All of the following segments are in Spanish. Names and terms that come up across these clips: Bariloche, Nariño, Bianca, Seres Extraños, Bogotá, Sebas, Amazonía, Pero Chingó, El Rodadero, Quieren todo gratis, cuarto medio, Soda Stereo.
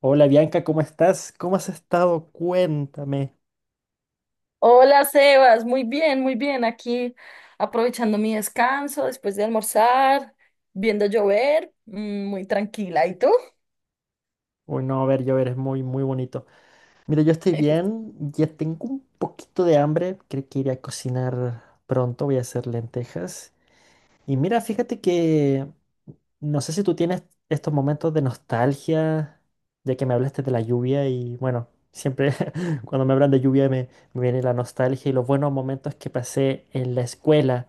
Hola Bianca, ¿cómo estás? ¿Cómo has estado? Cuéntame. Hola Sebas, muy bien, muy bien. Aquí aprovechando mi descanso después de almorzar, viendo llover, muy tranquila. ¿Y tú? Uy, no, a ver, yo eres muy, muy bonito. Mira, yo estoy bien, ya tengo un poquito de hambre, creo que iré a cocinar pronto, voy a hacer lentejas. Y mira, fíjate que no sé si tú tienes estos momentos de nostalgia, ya que me hablaste de la lluvia y bueno, siempre cuando me hablan de me viene la nostalgia y los buenos momentos que pasé en la escuela.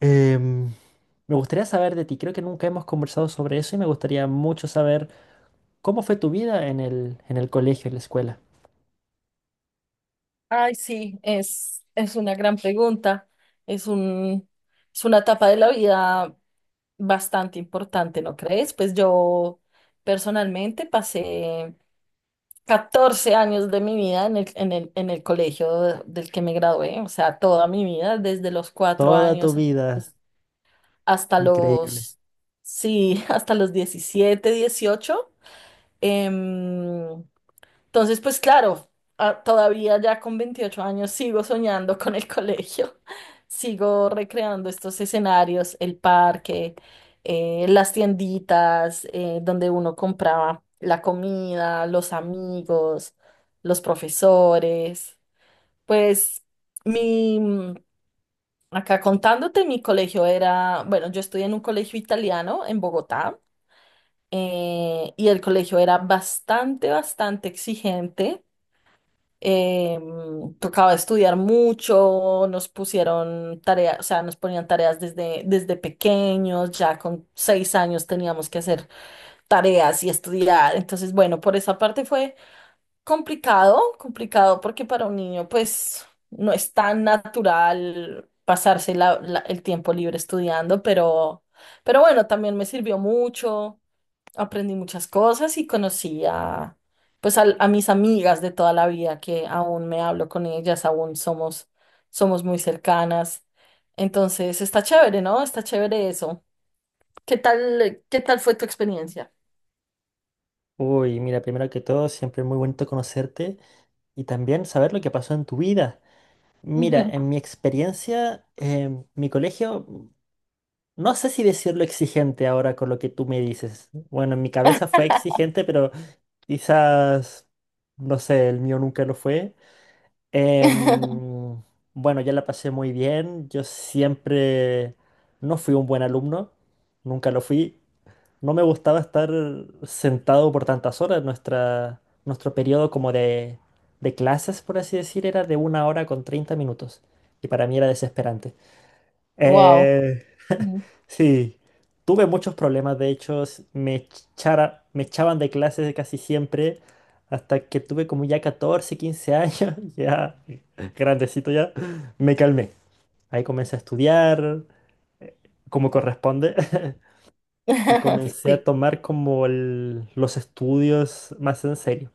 Em, Me gustaría saber de ti, creo que nunca hemos conversado sobre eso y me gustaría mucho saber cómo fue tu vida en el colegio, en la escuela. Ay, sí, es una gran pregunta. Es un, es una etapa de la vida bastante importante, ¿no crees? Pues yo personalmente pasé 14 años de mi vida en el colegio del que me gradué, o sea, toda mi vida, desde los cuatro Toda tu años. vida, hasta increíble. Sí, hasta los 17 18. Em, entonces, pues claro, todavía ya con 28 años sigo soñando con el colegio, sigo recreando estos escenarios, el parque, las tienditas, donde uno compraba la comida, los amigos, los profesores, pues Mi, acá contándote, mi colegio era, bueno, yo estudié en un colegio italiano en Bogotá. Y el colegio era bastante, bastante exigente. eh, Tocaba estudiar mucho, nos pusieron tareas, o sea, nos ponían tareas desde pequeños, ya con 6 años teníamos que hacer tareas y estudiar. Entonces, bueno, por esa parte fue complicado, complicado, porque para un niño, pues, no es tan natural pasarse el tiempo libre estudiando, pero bueno, también me sirvió mucho, aprendí muchas cosas y conocí a, pues, mis amigas de toda la vida, que aún me hablo con ellas, aún somos muy cercanas. Entonces, está chévere, ¿no? Está chévere eso. ¿Qué tal fue tu experiencia? Uy, mira, primero que todo, siempre muy bonito conocerte y también saber lo que pasó en tu vida. Mira, en mi experiencia, mi colegio, no sé si decirlo exigente ahora con lo que tú me dices. Bueno, en mi cabeza fue exigente, pero quizás, no sé, el mío nunca lo fue. Em, bueno, ya la pasé muy bien. Yo siempre no fui un buen alumno, nunca lo fui. No me gustaba estar sentado por tantas horas. Nuestro periodo como de clases, por así decir, era de 1 hora con 30 minutos. Y para mí era desesperante. Wow. Eh, sí, tuve muchos problemas, de hecho, me echaban de clases casi siempre, hasta que tuve como ya 14, 15 años, ya grandecito ya, me calmé. Ahí comencé a estudiar eh, como corresponde y comencé a Sí, tomar como los estudios más en serio.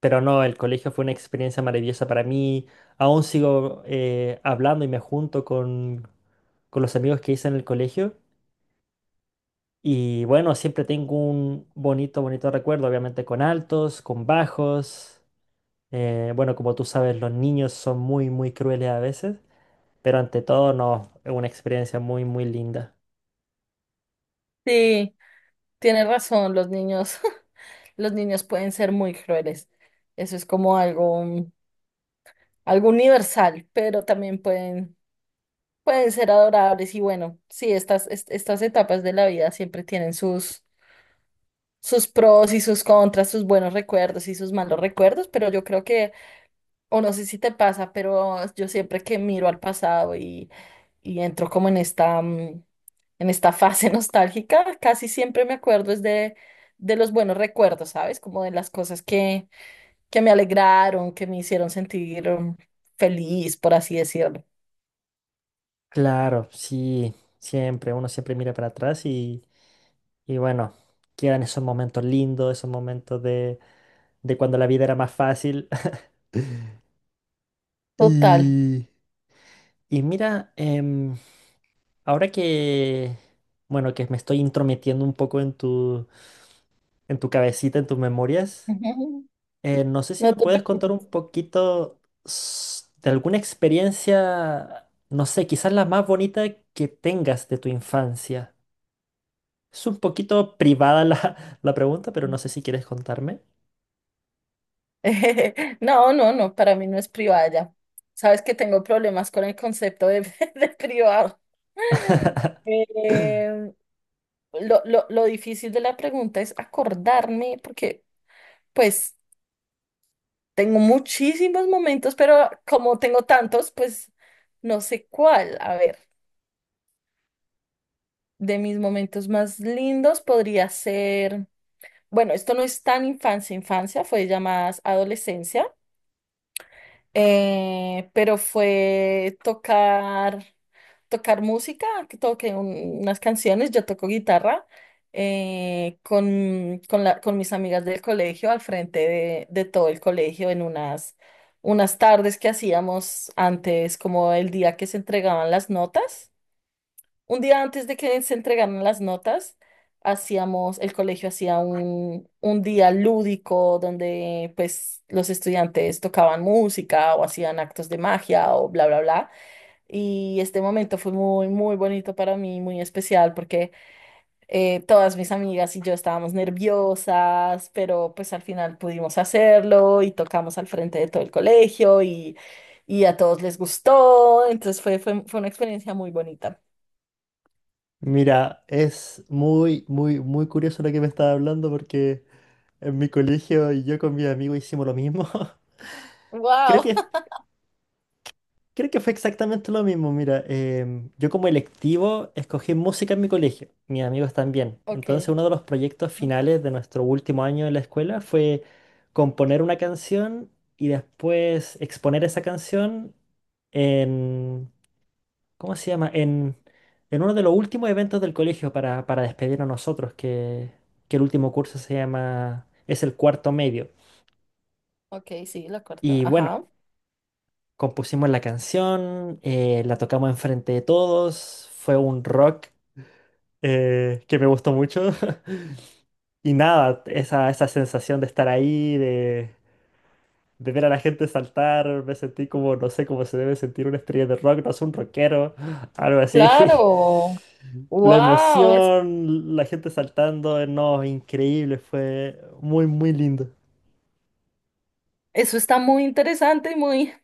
Pero no, el colegio fue una experiencia maravillosa para mí. Aún sigo hablando y me junto con los amigos que hice en el colegio. Y bueno, siempre tengo un bonito, bonito recuerdo, obviamente con altos, con bajos. Bueno, como tú sabes, los niños son muy, muy crueles a veces. Pero ante todo, no, es una experiencia muy, muy linda. sí, tienes razón, los niños, los niños pueden ser muy crueles. Eso es como algo, algo universal, pero también pueden ser adorables. Y bueno, sí, estas etapas de la vida siempre tienen sus pros y sus contras, sus buenos recuerdos y sus malos recuerdos, pero yo creo que, o no sé si te pasa, pero yo siempre que miro al pasado y entro como en esta fase nostálgica. Casi siempre me acuerdo es de los buenos recuerdos, ¿sabes? Como de las cosas que me alegraron, que me hicieron sentir, feliz, por así decirlo. Claro, sí, siempre, uno siempre mira para atrás y bueno, quedan esos momentos lindos, esos momentos de cuando la vida era más fácil. Total. Y, y mira, ahora que, bueno, que me estoy intrometiendo un poco en tu cabecita, en tus memorias. Ujú. No sé si No me te puedes contar un preocupes. poquito de alguna experiencia, no sé, quizás la más bonita que tengas de tu infancia. Es un poquito privada la, la pregunta, pero no sé si quieres contarme. No, no, no, para mí no es privada ya. Sabes que tengo problemas con el concepto de, de privado. Eh, lo difícil de la pregunta es acordarme, porque pues tengo muchísimos momentos, pero como tengo tantos, pues no sé cuál. A ver, de mis momentos más lindos podría ser, bueno, esto no es tan infancia, infancia, fue ya más adolescencia. Pero fue tocar música, que toqué unas canciones, yo toco guitarra, con con mis amigas del colegio, al frente de todo el colegio, en unas tardes que hacíamos antes, como el día que se entregaban las notas. Un día antes de que se entregaran las notas, el colegio hacía un día lúdico donde pues los estudiantes tocaban música o hacían actos de magia o bla, bla, bla. Y este momento fue muy, muy bonito para mí, muy especial porque todas mis amigas y yo estábamos nerviosas, pero pues al final pudimos hacerlo y tocamos al frente de todo el colegio, y a todos les gustó. Entonces fue una experiencia muy bonita. Mira, es muy, muy, muy curioso lo que me estás hablando porque en mi colegio y yo con mi amigo hicimos lo mismo. Creo ¡Wow! que Creo que fue exactamente lo mismo. Mira, yo como electivo escogí música en mi colegio, mis amigos también. Ok, Entonces uno de los proyectos finales de nuestro último año en la escuela fue componer una canción y después exponer esa canción en, ¿cómo se llama? En uno de los últimos eventos del colegio para despedir a nosotros, que el último curso se llama, es el cuarto medio. ok, sí, la cuarta. Y bueno, Ajá. compusimos la canción, la tocamos enfrente de todos, fue un rock que me gustó mucho. Y nada, esa sensación de estar ahí, de ver a la gente saltar, me sentí como, no sé, cómo se debe sentir una estrella de rock, no es un rockero, algo así. Claro. La Wow, emoción, la gente saltando, no, increíble, fue muy, muy lindo. eso está muy interesante y muy,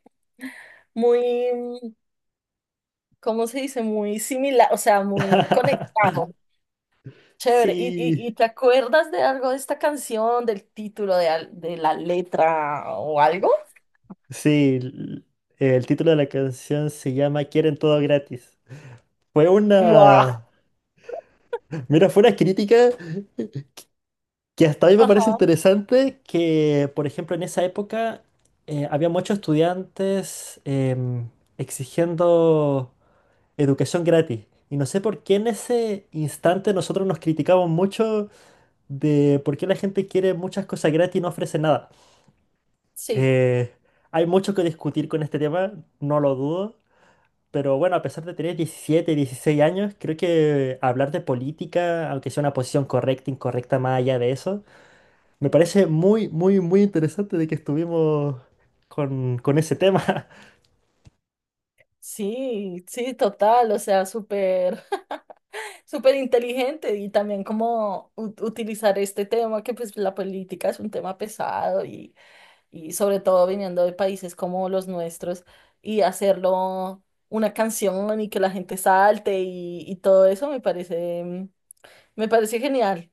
muy, ¿cómo se dice? Muy similar, o sea, muy conectado. Chévere. ¿Y, y, Sí. y te acuerdas de algo de esta canción, del título, de la letra o algo? Sí, el título de la canción se llama Quieren todo gratis. Fue Wow. una, mira, fue una crítica que hasta a mí me parece Ajá, interesante que, por ejemplo, en esa época había muchos estudiantes exigiendo educación gratis. Y no sé por qué en ese instante nosotros nos criticamos mucho de por qué la gente quiere muchas cosas gratis y no ofrece nada. sí. Eh, hay mucho que discutir con este tema, no lo dudo. Pero bueno, a pesar de tener 17, 16 años, creo que hablar de política, aunque sea una posición correcta, incorrecta, más allá de eso, me parece muy, muy, muy interesante de que estuvimos con ese tema. Sí, sí, total, o sea, súper, súper inteligente y también como utilizar este tema, que pues la política es un tema pesado y sobre todo viniendo de países como los nuestros y hacerlo una canción y que la gente salte y todo eso me parece, me parece genial,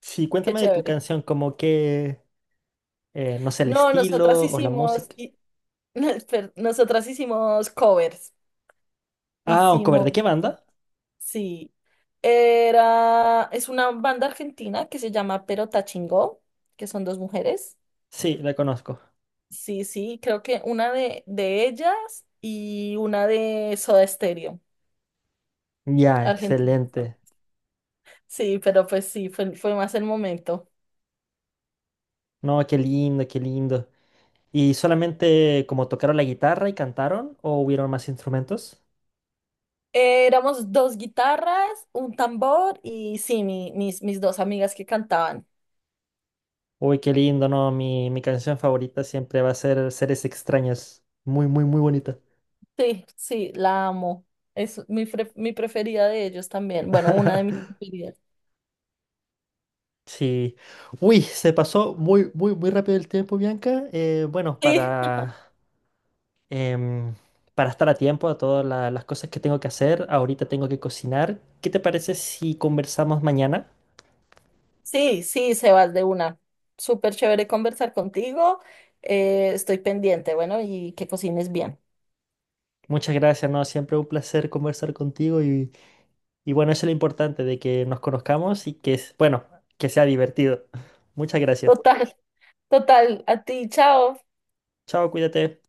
Sí, qué cuéntame de tu chévere. canción, como que, no sé, el No, estilo o la música. Espera, nosotras hicimos covers, Ah, un cover, ¿de hicimos... qué banda? Sí, era, es una banda argentina que se llama Pero Chingó, que son dos mujeres. Sí, la conozco. Sí, sí, creo que una de ellas y una de Soda Stereo, Ya, argentina. excelente. Sí, pero pues sí, fue más el momento. No, qué lindo, qué lindo. ¿Y solamente como tocaron la guitarra y cantaron o hubieron más instrumentos? Éramos dos guitarras, un tambor y sí, mis dos amigas que cantaban. Uy, qué lindo, ¿no? Mi canción favorita siempre va a ser Seres Extraños. Muy, muy, muy bonita. Sí, sí, la amo. Es mi preferida de ellos también. Bueno, una de mis preferidas. Sí. Uy, se pasó muy, muy, muy rápido el tiempo, Bianca. Bueno, para, em, para estar a tiempo a todas las cosas que tengo que hacer, ahorita tengo que cocinar. ¿Qué te parece si conversamos mañana? Sí, sí, Sebas, de una. Súper chévere conversar contigo. Estoy pendiente, bueno, y que cocines bien. Muchas gracias, ¿no? Siempre un placer conversar contigo y bueno, eso es lo importante, de que nos conozcamos y que, bueno, que sea divertido. Muchas gracias. Total, total. A ti, chao. Chao, cuídate.